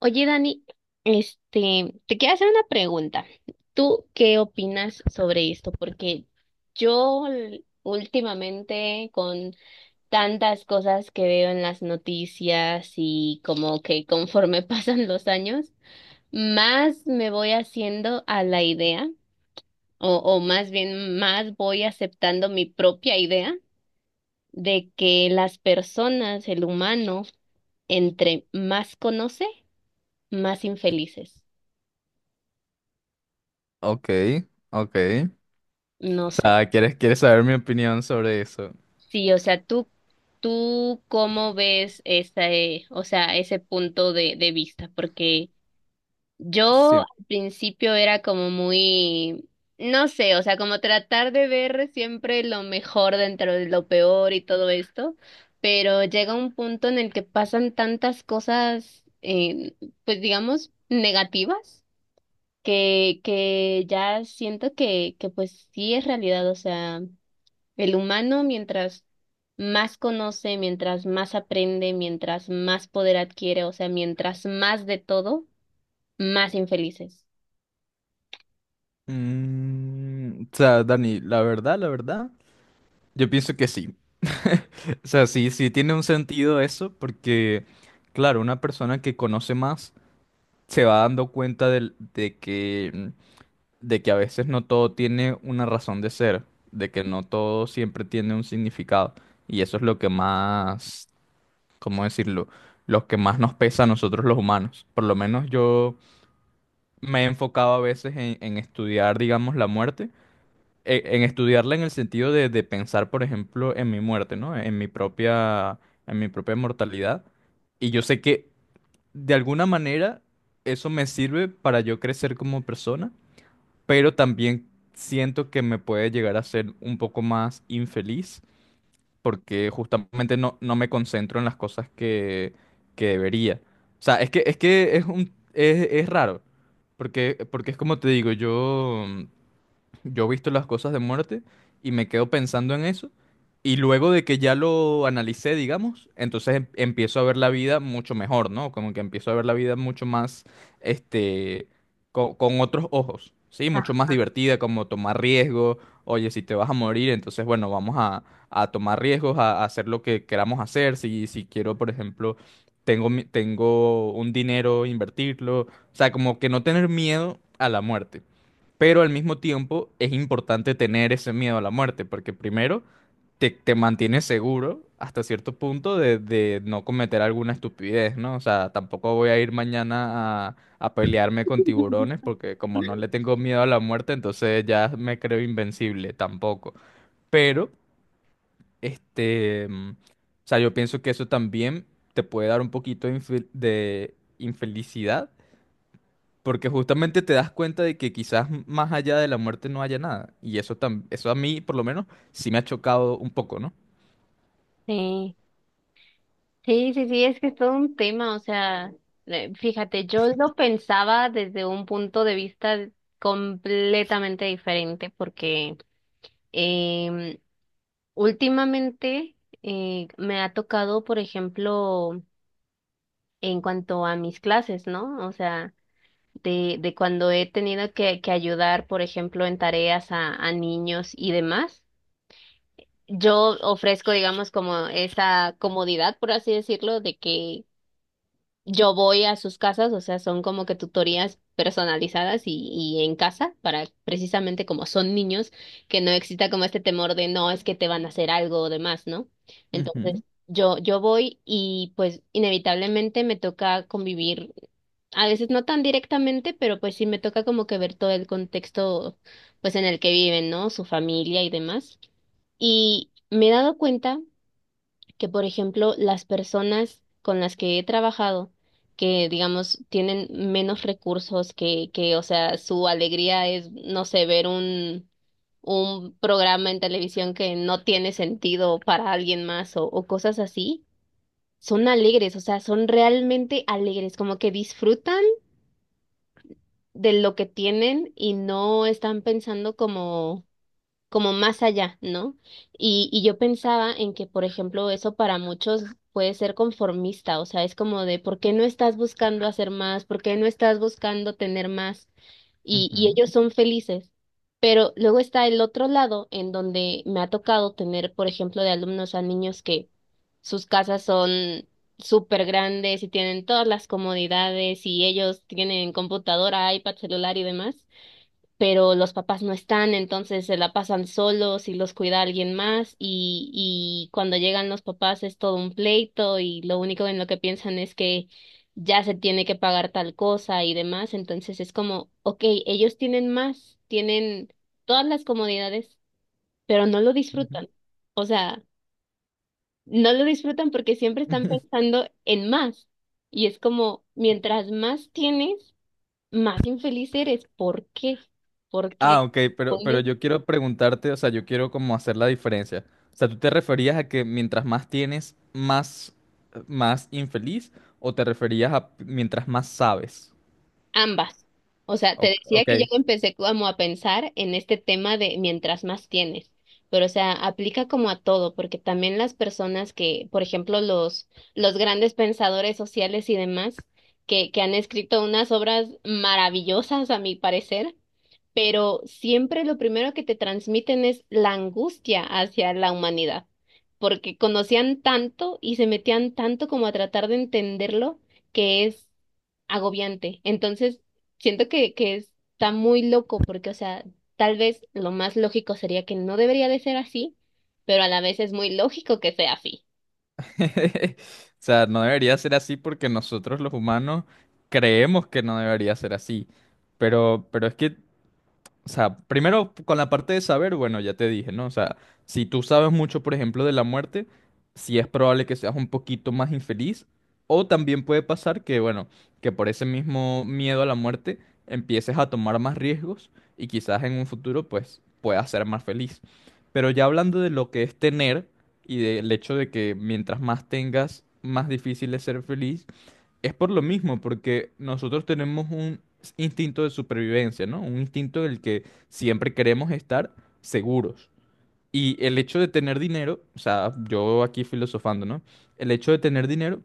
Oye, Dani, este, te quiero hacer una pregunta. ¿Tú qué opinas sobre esto? Porque yo últimamente con tantas cosas que veo en las noticias y como que conforme pasan los años, más me voy haciendo a la idea, o más bien más voy aceptando mi propia idea de que las personas, el humano, entre más conoce, más infelices. Ok, ok. No O sé. sea, ¿quieres saber mi opinión sobre eso? Sí, o sea, tú cómo ves ese, o sea, ese punto de vista, porque yo Siempre. al principio era como muy, no sé, o sea, como tratar de ver siempre lo mejor dentro de lo peor y todo esto, pero llega un punto en el que pasan tantas cosas, pues digamos, negativas, que ya siento que pues sí es realidad, o sea. El humano, mientras más conoce, mientras más aprende, mientras más poder adquiere, o sea, mientras más de todo, más infelices. O sea, Dani, la verdad, yo pienso que sí. O sea, sí, sí tiene un sentido eso, porque, claro, una persona que conoce más se va dando cuenta que, de que a veces no todo tiene una razón de ser, de que no todo siempre tiene un significado. Y eso es lo que más, ¿cómo decirlo? Lo que más nos pesa a nosotros los humanos. Por lo menos yo me he enfocado a veces en estudiar, digamos, la muerte, en, estudiarla en el sentido de pensar, por ejemplo, en mi muerte, ¿no? En mi propia mortalidad. Y yo sé que de alguna manera eso me sirve para yo crecer como persona, pero también siento que me puede llegar a ser un poco más infeliz porque justamente no, no me concentro en las cosas que debería. O sea, es que es un es raro, porque es como te digo, yo he visto las cosas de muerte y me quedo pensando en eso. Y luego de que ya lo analicé, digamos, entonces empiezo a ver la vida mucho mejor, ¿no? Como que empiezo a ver la vida mucho más, este, con otros ojos, ¿sí? Mucho más divertida, como tomar riesgos. Oye, si te vas a morir, entonces, bueno, vamos a tomar riesgos, a hacer lo que queramos hacer. Si, si quiero, por ejemplo, tengo un dinero, invertirlo. O sea, como que no tener miedo a la muerte. Pero al mismo tiempo es importante tener ese miedo a la muerte, porque primero te, te mantienes seguro hasta cierto punto de no cometer alguna estupidez, ¿no? O sea, tampoco voy a ir mañana a pelearme con tiburones, porque como no le tengo miedo a la muerte, entonces ya me creo invencible, tampoco. Pero, o sea, yo pienso que eso también te puede dar un poquito de de infelicidad porque justamente te das cuenta de que quizás más allá de la muerte no haya nada. Y eso, eso a mí, por lo menos, sí me ha chocado un poco, ¿no? Sí, sí, sí, sí, es que es todo un tema, o sea, fíjate, yo lo pensaba desde un punto de vista completamente diferente, porque em, últimamente me ha tocado, por ejemplo, en cuanto a mis clases, ¿no? O sea, de cuando he tenido que ayudar, por ejemplo, en tareas a niños y demás, yo ofrezco, digamos, como esa comodidad, por así decirlo, de que yo voy a sus casas, o sea, son como que tutorías personalizadas y en casa, para precisamente como son niños, que no exista como este temor de no, es que te van a hacer algo o demás, ¿no? Ujú, Entonces, yo voy y pues inevitablemente me toca convivir a veces no tan directamente, pero pues sí me toca como que ver todo el contexto pues en el que viven, ¿no? Su familia y demás. Y me he dado cuenta que, por ejemplo, las personas con las que he trabajado, que digamos tienen menos recursos, o sea, su alegría es, no sé, ver un programa en televisión que no tiene sentido para alguien más o cosas así, son alegres, o sea, son realmente alegres, como que disfrutan de lo que tienen y no están pensando como como más allá, ¿no? Y yo pensaba en que, por ejemplo, eso para muchos puede ser conformista, o sea, es como de, ¿por qué no estás buscando hacer más? ¿Por qué no estás buscando tener más? Y ujú, ellos son felices. Pero luego está el otro lado, en donde me ha tocado tener, por ejemplo, de alumnos a niños que sus casas son súper grandes y tienen todas las comodidades y ellos tienen computadora, iPad, celular y demás, pero los papás no están, entonces se la pasan solos y los cuida alguien más y cuando llegan los papás es todo un pleito y lo único en lo que piensan es que ya se tiene que pagar tal cosa y demás, entonces es como, ok, ellos tienen más, tienen todas las comodidades, pero no lo ujú. disfrutan, o sea, no lo disfrutan porque siempre están pensando en más y es como, mientras más tienes, más infeliz eres, ¿por qué? ¿Por qué? Ah, ok, pero yo quiero preguntarte, o sea, yo quiero como hacer la diferencia. O sea, ¿tú te referías a que mientras más tienes, más, más infeliz? ¿O te referías a mientras más sabes? Ambas. O sea, te decía Ok. que yo empecé como a pensar en este tema de mientras más tienes, pero o sea, aplica como a todo, porque también las personas que, por ejemplo, los grandes pensadores sociales y demás, que han escrito unas obras maravillosas, a mi parecer, pero siempre lo primero que te transmiten es la angustia hacia la humanidad, porque conocían tanto y se metían tanto como a tratar de entenderlo, que es agobiante. Entonces, siento que está muy loco porque, o sea, tal vez lo más lógico sería que no debería de ser así, pero a la vez es muy lógico que sea así. O sea, no debería ser así porque nosotros los humanos creemos que no debería ser así. Pero es que o sea, primero con la parte de saber, bueno, ya te dije, ¿no? O sea, si tú sabes mucho, por ejemplo, de la muerte, sí es probable que seas un poquito más infeliz. O también puede pasar que, bueno, que por ese mismo miedo a la muerte empieces a tomar más riesgos y quizás en un futuro, pues, puedas ser más feliz. Pero ya hablando de lo que es tener y del hecho de que mientras más tengas, más difícil es ser feliz es por lo mismo, porque nosotros tenemos un instinto de supervivencia, ¿no? Un instinto en el que siempre queremos estar seguros. Y el hecho de tener dinero, o sea, yo aquí filosofando, ¿no? El hecho de tener dinero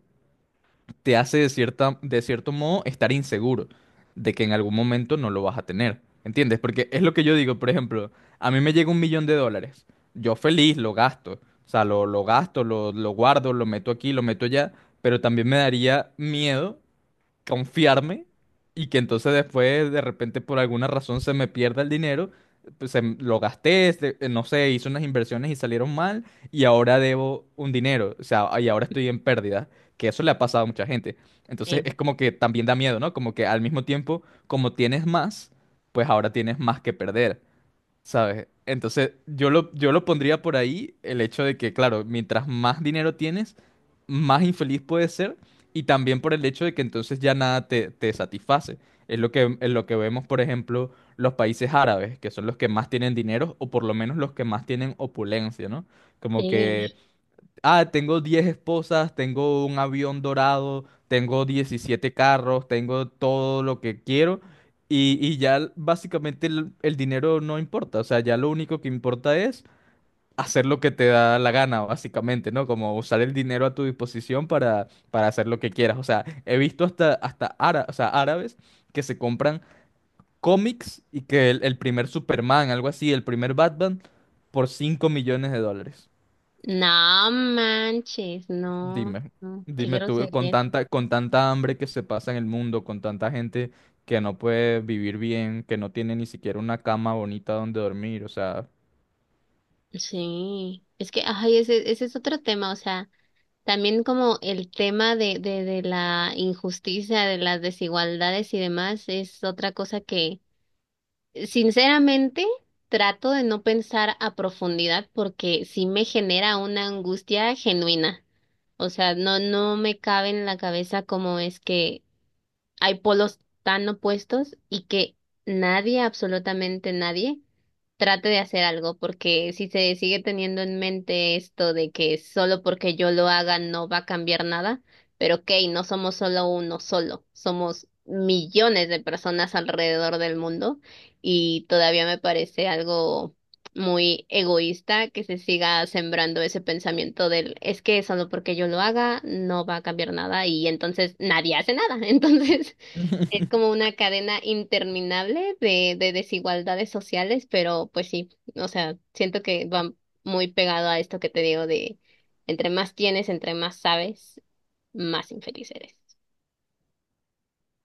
te hace de de cierto modo estar inseguro de que en algún momento no lo vas a tener. ¿Entiendes? Porque es lo que yo digo, por ejemplo, a mí me llega $1,000,000. Yo feliz lo gasto. O sea, lo gasto, lo guardo, lo meto aquí, lo meto allá, pero también me daría miedo confiarme y que entonces después de repente por alguna razón se me pierda el dinero, pues lo gasté, no sé, hice unas inversiones y salieron mal y ahora debo un dinero, o sea, y ahora estoy en pérdida, que eso le ha pasado a mucha gente. Entonces Sí. es como que también da miedo, ¿no? Como que al mismo tiempo, como tienes más, pues ahora tienes más que perder. ¿Sabes? Entonces, yo lo pondría por ahí el hecho de que, claro, mientras más dinero tienes, más infeliz puedes ser. Y también por el hecho de que entonces ya nada te, te satisface. Es lo que vemos, por ejemplo, los países árabes, que son los que más tienen dinero, o por lo menos los que más tienen opulencia, ¿no? Como que Sí. ah, tengo 10 esposas, tengo un avión dorado, tengo 17 carros, tengo todo lo que quiero y ya básicamente el dinero no importa, o sea, ya lo único que importa es hacer lo que te da la gana, básicamente, ¿no? Como usar el dinero a tu disposición para hacer lo que quieras. O sea, he visto hasta, o sea, árabes que se compran cómics y que el primer Superman, algo así, el primer Batman, por $5,000,000. No manches, no, Dime, no, qué dime tú, grosería es esa. Con tanta hambre que se pasa en el mundo, con tanta gente que no puede vivir bien, que no tiene ni siquiera una cama bonita donde dormir, o sea. Sí, es que, ay, ese es otro tema, o sea, también como el tema de la injusticia, de las desigualdades y demás, es otra cosa que. Sinceramente, trato de no pensar a profundidad porque sí me genera una angustia genuina. O sea, no, no me cabe en la cabeza cómo es que hay polos tan opuestos y que nadie, absolutamente nadie, trate de hacer algo, porque si se sigue teniendo en mente esto de que solo porque yo lo haga no va a cambiar nada, pero ok, no somos solo uno solo, somos millones de personas alrededor del mundo y todavía me parece algo muy egoísta que se siga sembrando ese pensamiento del es que solo porque yo lo haga no va a cambiar nada y entonces nadie hace nada. Entonces es como una cadena interminable de desigualdades sociales, pero pues sí, o sea, siento que va muy pegado a esto que te digo de entre más tienes, entre más sabes, más infeliz eres.